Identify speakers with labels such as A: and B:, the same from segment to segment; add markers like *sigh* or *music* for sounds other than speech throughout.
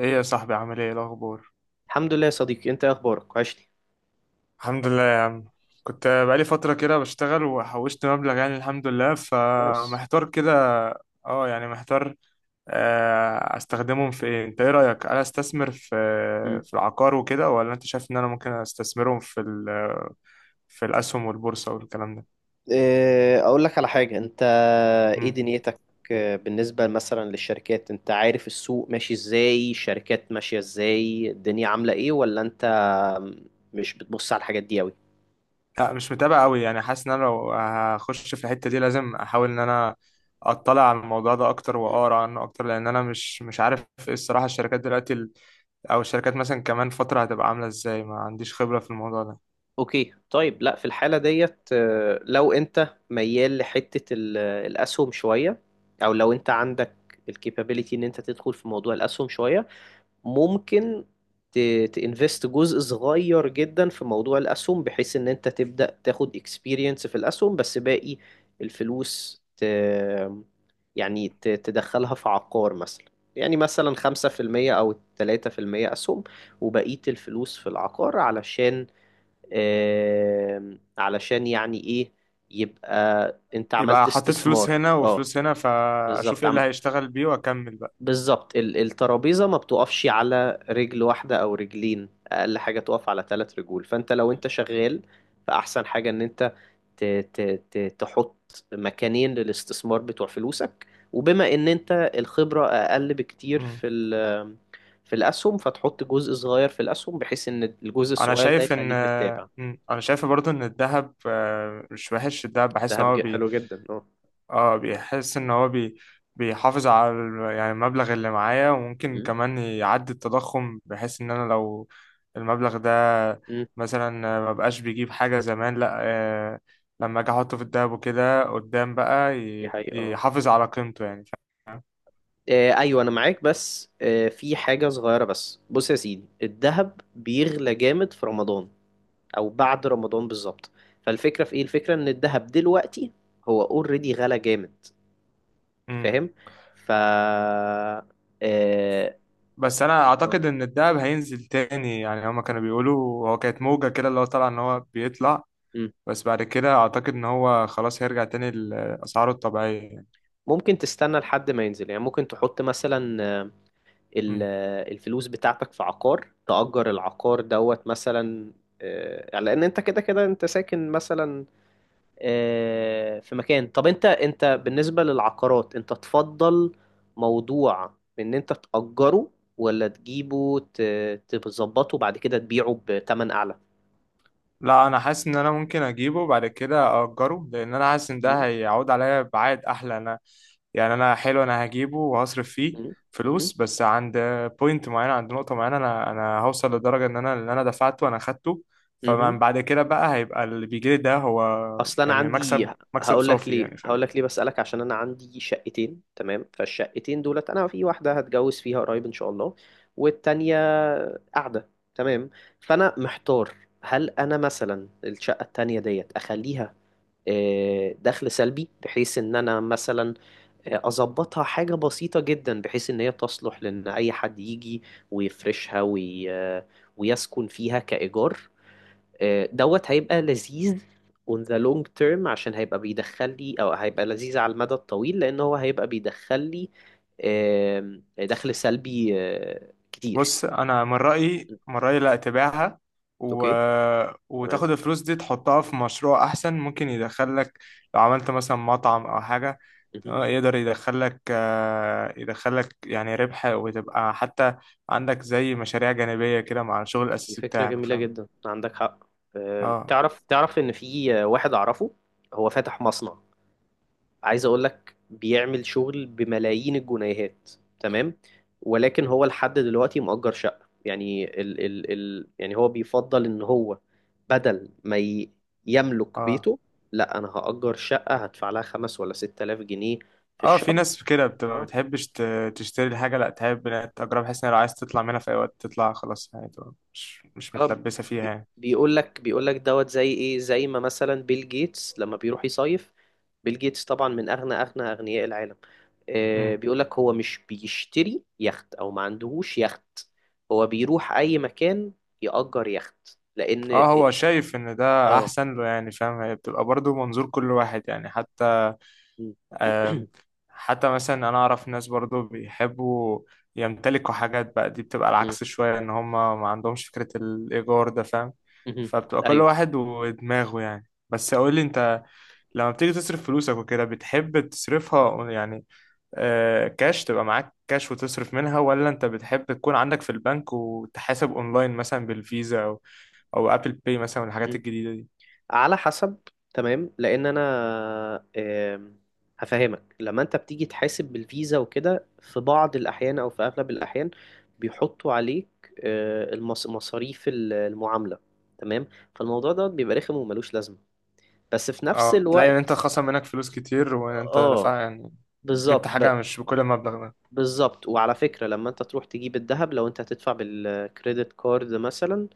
A: ايه يا صاحبي، عامل ايه الاخبار؟
B: الحمد لله يا صديقي، انت ايه اخبارك؟ وحشني.
A: الحمد لله يا عم. كنت بقالي فتره كده بشتغل وحوشت مبلغ، يعني الحمد لله،
B: كويس.
A: فمحتار كده. اه، يعني محتار. استخدمهم في ايه؟ انت ايه رايك؟ انا استثمر في
B: مم.
A: العقار وكده، ولا انت شايف ان انا ممكن استثمرهم في في الاسهم والبورصه والكلام ده؟
B: إيه، اقول لك على حاجه. انت ايه
A: امم.
B: دنيتك؟ بالنسبه مثلا للشركات، انت عارف السوق ماشي ازاي؟ الشركات ماشيه ازاي؟ الدنيا عامله ايه؟ ولا انت مش بتبص على الحاجات دي قوي؟
A: لا، مش متابع قوي، يعني حاسس ان انا لو هخش في الحته دي لازم احاول ان انا اطلع على الموضوع ده اكتر
B: مم.
A: واقرا عنه اكتر، لان انا مش عارف ايه الصراحه الشركات دلوقتي، او الشركات مثلا كمان فترة هتبقى عاملة ازاي. ما عنديش خبرة في الموضوع ده.
B: اوكي طيب، لا، في الحالة ديت لو انت ميال لحتة الاسهم شوية، او لو انت عندك الكابابيليتي ان انت تدخل في موضوع الاسهم شوية. ممكن تانفست جزء صغير جدا في موضوع الأسهم، بحيث إن أنت تبدأ تاخد اكسبيرينس في الأسهم، بس باقي الفلوس يعني تدخلها في عقار مثلا. يعني مثلا 5% أو 3% أسهم، وبقية الفلوس في العقار علشان، علشان يعني إيه، يبقى أنت
A: يبقى
B: عملت
A: حطيت فلوس
B: استثمار.
A: هنا
B: اه.
A: وفلوس هنا، فاشوف
B: بالظبط.
A: ايه اللي هيشتغل بيه واكمل بقى.
B: بالظبط، الترابيزة ما بتقفش على رجل واحدة أو رجلين، أقل حاجة تقف على ثلاث رجول. فأنت لو أنت شغال، فأحسن حاجة إن أنت ت ت ت تحط مكانين للاستثمار بتوع فلوسك. وبما إن أنت الخبرة أقل بكتير
A: مم.
B: في في الأسهم، فتحط جزء صغير في الأسهم بحيث إن الجزء
A: انا
B: الصغير ده
A: شايف ان
B: يخليك بتتابع.
A: مم. انا شايف برضو ان الذهب، مش وحش. الذهب
B: ده
A: بحس ان هو،
B: حلو جدا، اه.
A: اه بيحس ان هو بيحافظ على يعني المبلغ اللي معايا، وممكن
B: م-
A: كمان يعدي التضخم، بحيث ان انا لو المبلغ ده
B: م،
A: مثلا ما بقاش بيجيب حاجة زمان، لا، لما اجي احطه في الدهب وكده قدام بقى
B: دي حقيقة.
A: يحافظ على قيمته يعني
B: ايوه، انا معاك، بس في حاجه صغيره. بس بص يا سيدي، الذهب بيغلى جامد في رمضان او بعد رمضان بالظبط. فالفكره في ايه؟ الفكره ان الذهب دلوقتي هو اوريدي غلى جامد.
A: مم.
B: فاهم؟ ف آه،
A: بس انا اعتقد ان الدهب هينزل تاني، يعني هما كانوا بيقولوا هو كانت
B: م-
A: موجة كده اللي هو طلع ان هو بيطلع.
B: م.
A: بس بعد كده اعتقد ان هو خلاص هيرجع تاني لاسعاره الطبيعية يعني.
B: ممكن تستنى لحد ما ينزل. يعني ممكن تحط مثلا
A: مم.
B: الفلوس بتاعتك في عقار، تأجر العقار دوت مثلا. لان انت كده كده انت ساكن مثلا في مكان. طب انت بالنسبة للعقارات، انت تفضل موضوع ان انت تأجره، ولا تجيبه تظبطه بعد كده تبيعه بتمن اعلى؟
A: لا، انا حاسس ان انا ممكن اجيبه بعد كده اجره، لان انا حاسس ان ده
B: مم،
A: هيعود عليا بعائد احلى. انا يعني انا حلو، انا هجيبه وهصرف فيه
B: مم، مم،
A: فلوس، بس عند بوينت معينه، عند نقطه معينه، انا هوصل لدرجه ان انا اللي انا دفعته انا خدته.
B: مم.
A: فمن بعد كده بقى هيبقى اللي بيجيلي ده هو
B: اصل انا
A: يعني
B: عندي
A: مكسب، مكسب صافي يعني، فاهم؟
B: هقول لك ليه بسألك. عشان انا عندي شقتين، تمام؟ فالشقتين دولت، انا في واحدة هتجوز فيها قريب ان شاء الله، والتانية قاعدة، تمام؟ فانا محتار، هل انا مثلا الشقة التانية ديت اخليها دخل سلبي، بحيث ان انا مثلا اظبطها حاجة بسيطة جدا، بحيث ان هي تصلح لان اي حد يجي ويفرشها وي... آه، ويسكن فيها كإيجار. دوت هيبقى لذيذ on the long term عشان هيبقى بيدخل لي، او هيبقى لذيذ على المدى الطويل لان هو هيبقى بيدخل لي دخل سلبي كتير.
A: بص انا من رايي لا تبيعها، و...
B: اوكي. تمام.
A: وتاخد الفلوس دي تحطها في مشروع احسن ممكن يدخلك. لو عملت مثلا مطعم او حاجه،
B: مهم.
A: يقدر يدخلك، يعني ربح، وتبقى حتى عندك زي مشاريع جانبيه كده مع الشغل
B: دي
A: الاساسي
B: فكرة
A: بتاعك،
B: جميلة
A: فاهم؟
B: جدا، عندك حق.
A: اه.
B: تعرف ان في واحد اعرفه، هو فاتح مصنع، عايز اقول لك بيعمل شغل بملايين الجنيهات، تمام؟ ولكن هو لحد دلوقتي مؤجر شقة. يعني ال ال ال يعني هو بيفضل ان هو بدل ما يملك
A: اه.
B: بيته، لا، انا هأجر شقة هدفع لها 5,000 ولا 6,000 جنيه في
A: اه، في
B: الشهر.
A: ناس كده بتبقى ما بتحبش تشتري الحاجه، لا تحب انها تجرب، بحيث ان لو عايز تطلع منها في اي وقت تطلع خلاص، يعني تبقى مش
B: اه،
A: متلبسه فيها.
B: بيقول لك دوت زي ايه، زي ما مثلا بيل جيتس لما بيروح يصيف. بيل جيتس طبعا من اغنى اغنى اغنياء العالم.
A: يعني
B: بيقول لك هو مش بيشتري يخت او ما عندهوش يخت، هو بيروح اي مكان يأجر يخت لان
A: اه، هو شايف ان ده
B: اه
A: احسن له يعني، فاهم؟ هي بتبقى برضو منظور كل واحد يعني. حتى
B: م.
A: آم،
B: *clears throat*
A: حتى مثلا انا اعرف ناس برضو بيحبوا يمتلكوا حاجات بقى. دي بتبقى
B: م.
A: العكس شوية ان هم ما عندهمش فكرة الايجار ده، فاهم؟
B: مهم.
A: فبتبقى كل
B: ايوه.
A: واحد ودماغه يعني. بس اقول لي انت، لما بتيجي تصرف فلوسك وكده بتحب تصرفها يعني، كاش، تبقى معاك كاش وتصرف منها؟ ولا انت بتحب تكون عندك في البنك وتحاسب اونلاين مثلا بالفيزا، او ابل باي مثلا والحاجات الجديدة دي؟
B: على حسب. تمام، لان انا آم، هفهمك. لما انت بتيجي تحاسب بالفيزا وكده، في بعض الاحيان او في اغلب الاحيان بيحطوا عليك مصاريف المعامله، تمام؟ فالموضوع ده بيبقى رخم وملوش لازمه، بس في نفس
A: اه، تلاقي ان انت
B: الوقت.
A: خصم منك فلوس كتير وانت
B: اه.
A: دفع، يعني جبت
B: بالظبط
A: حاجة
B: ب-
A: مش بكل المبلغ ده.
B: بالظبط، وعلى فكره، لما انت تروح تجيب الذهب لو انت هتدفع بالكريدت كارد مثلا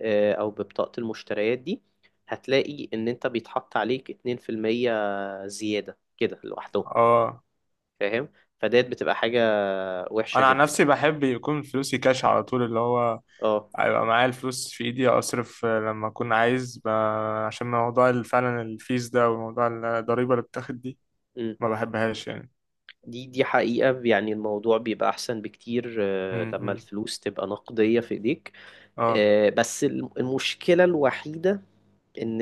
B: او ببطاقه المشتريات دي، هتلاقي ان انت بيتحط عليك 2% زيادة كده لوحدهم.
A: اه.
B: فاهم؟ فديت بتبقى حاجة وحشة
A: انا عن
B: جدا.
A: نفسي بحب يكون فلوسي كاش على طول، اللي هو
B: اه.
A: هيبقى معايا الفلوس في ايدي اصرف لما اكون عايز عشان موضوع فعلا الفيز ده وموضوع الضريبة اللي بتاخد دي،
B: أمم.
A: ما بحبهاش يعني.
B: دي حقيقة، يعني الموضوع بيبقى أحسن بكتير لما
A: امم.
B: الفلوس تبقى نقدية في إيديك.
A: اه.
B: بس المشكلة الوحيدة إن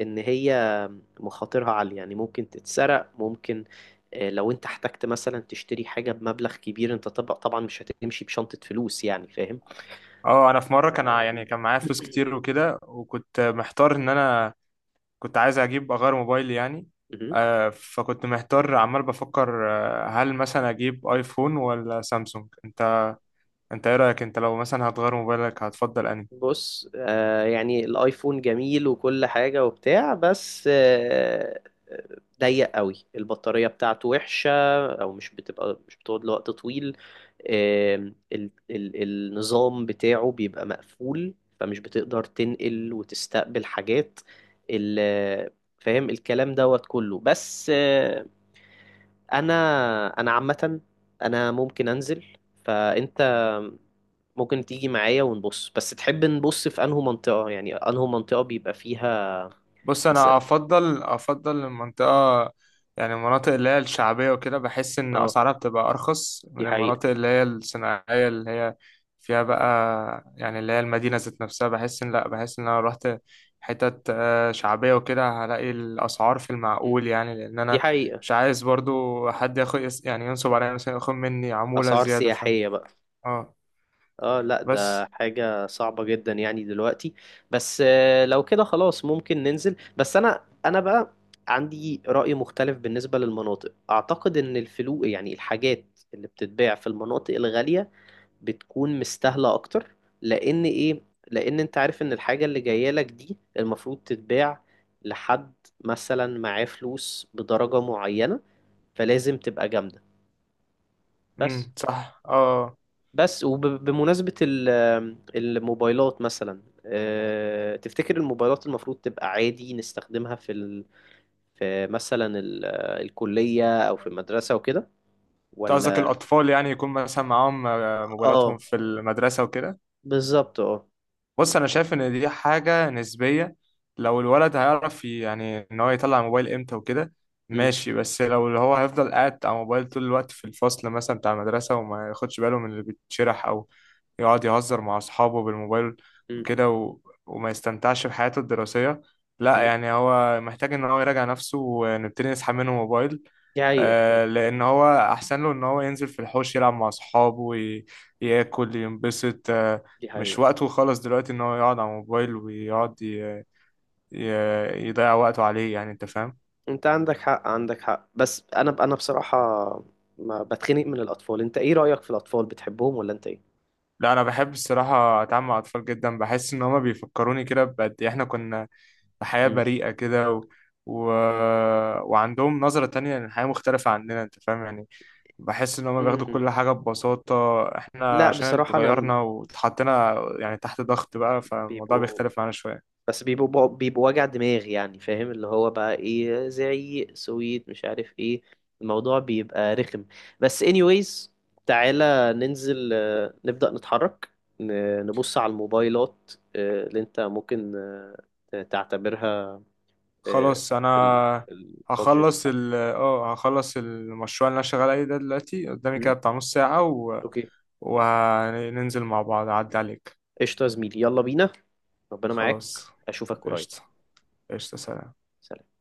B: إن هي مخاطرها عالية. يعني ممكن تتسرق، ممكن لو أنت احتجت مثلا تشتري حاجة بمبلغ كبير، أنت طبعا مش هتمشي بشنطة فلوس، يعني فاهم؟
A: اه، انا في مرة كان يعني كان معايا فلوس كتير وكده، وكنت محتار ان انا كنت عايز اغير موبايلي يعني.
B: *coughs*
A: فكنت محتار عمال بفكر، هل مثلا اجيب ايفون ولا سامسونج. انت ايه رايك؟ انت لو مثلا هتغير موبايلك هتفضل انهي؟
B: بص، يعني الايفون جميل وكل حاجة وبتاع، بس ضيق قوي، البطارية بتاعته وحشة، او مش بتقعد لوقت طويل. آه ال ال النظام بتاعه بيبقى مقفول، فمش بتقدر تنقل وتستقبل حاجات. ال- فاهم الكلام دوت كله؟ بس انا انا عامة، انا ممكن انزل، فانت ممكن تيجي معايا ونبص. بس تحب نبص في انهو منطقة؟ يعني انهو منطقة بيبقى فيها
A: بص انا
B: مثلا؟
A: افضل المنطقه، يعني المناطق اللي هي الشعبيه وكده، بحس ان
B: اه،
A: اسعارها بتبقى ارخص
B: دي
A: من
B: حقيقة.
A: المناطق اللي هي الصناعيه اللي هي فيها بقى. يعني اللي هي المدينه ذات نفسها، بحس ان لا بحس ان انا لو رحت حتت شعبيه وكده هلاقي الاسعار في
B: مم.
A: المعقول، يعني لان
B: دي
A: انا
B: حقيقة.
A: مش عايز برضو حد ياخد، يعني ينصب عليا، مثلا ياخد مني عموله
B: اسعار
A: زياده، فاهم؟
B: سياحية بقى.
A: اه.
B: اه. لا، ده
A: بس
B: حاجة صعبة جدا يعني دلوقتي. بس لو كده خلاص ممكن ننزل. بس انا بقى عندي رأي مختلف بالنسبة للمناطق. اعتقد ان الفلوق، يعني الحاجات اللي بتتباع في المناطق الغالية بتكون مستاهلة أكتر. لأن إيه؟ لأن أنت عارف إن الحاجة اللي جاية لك دي المفروض تتباع لحد مثلا معاه فلوس بدرجة معينة، فلازم تبقى جامدة. بس
A: امم، صح. اه. آه.
B: بس وبمناسبة الموبايلات مثلا، تفتكر الموبايلات المفروض تبقى عادي نستخدمها في مثلا ال... آه، الكلية أو في المدرسة وكده،
A: أنت قصدك
B: ولا؟
A: الأطفال، يعني يكون مثلا معاهم موبايلاتهم
B: اه،
A: في المدرسة وكده؟
B: بالظبط، اه.
A: بص انا شايف ان دي حاجه نسبيه. لو الولد هيعرف يعني ان هو يطلع الموبايل امتى وكده،
B: م-
A: ماشي. بس لو اللي هو هيفضل قاعد على الموبايل طول الوقت في الفصل مثلا بتاع المدرسه وما ياخدش باله من اللي بيتشرح، او يقعد يهزر مع اصحابه بالموبايل
B: م-
A: وكده وما يستمتعش بحياته الدراسيه، لا
B: م.
A: يعني هو محتاج ان هو يراجع نفسه، ونبتدي نسحب منه موبايل.
B: دي حقيقة
A: لان هو احسن له ان هو ينزل في الحوش يلعب مع اصحابه ياكل، ينبسط.
B: دي
A: مش
B: حقيقة.
A: وقته خالص دلوقتي ان هو يقعد على الموبايل ويقعد ي... يضيع وقته عليه، يعني انت فاهم.
B: انت عندك حق، عندك حق. بس انا بصراحة ما بتخنق من الاطفال. انت ايه رأيك في الاطفال؟ بتحبهم ولا انت ايه؟
A: لا انا بحب الصراحه اتعامل مع الاطفال جدا، بحس ان هما بيفكروني كده بقد إيه احنا كنا في حياه
B: مم.
A: بريئه كده، و... وعندهم نظره تانية للحياه مختلفه عننا، انت فاهم يعني. بحس ان هما بياخدوا
B: امم
A: كل حاجه ببساطه، احنا
B: لا،
A: عشان
B: بصراحة، انا
A: اتغيرنا واتحطينا يعني تحت ضغط بقى، فالموضوع
B: بيبقوا
A: بيختلف معانا شويه.
B: بس بيبقوا وجع دماغ، يعني فاهم، اللي هو بقى ايه، زعيق، سويت، مش عارف ايه. الموضوع بيبقى رخم. بس anyways، تعالى ننزل نبدأ نتحرك. نبص على الموبايلات اللي انت ممكن تعتبرها آه،
A: خلاص انا
B: ال- البادجت
A: هخلص ال
B: بتاعتك.
A: اه هخلص المشروع اللي انا شغال عليه ده دلوقتي قدامي كده،
B: امم.
A: بتاع نص ساعة،
B: اوكي.
A: وهننزل مع بعض اعدي عليك.
B: قشطة يا زميلي، يلا بينا. ربنا معاك.
A: خلاص.
B: اشوفك قريب.
A: قشطة. قشطة، سلام.
B: سلام.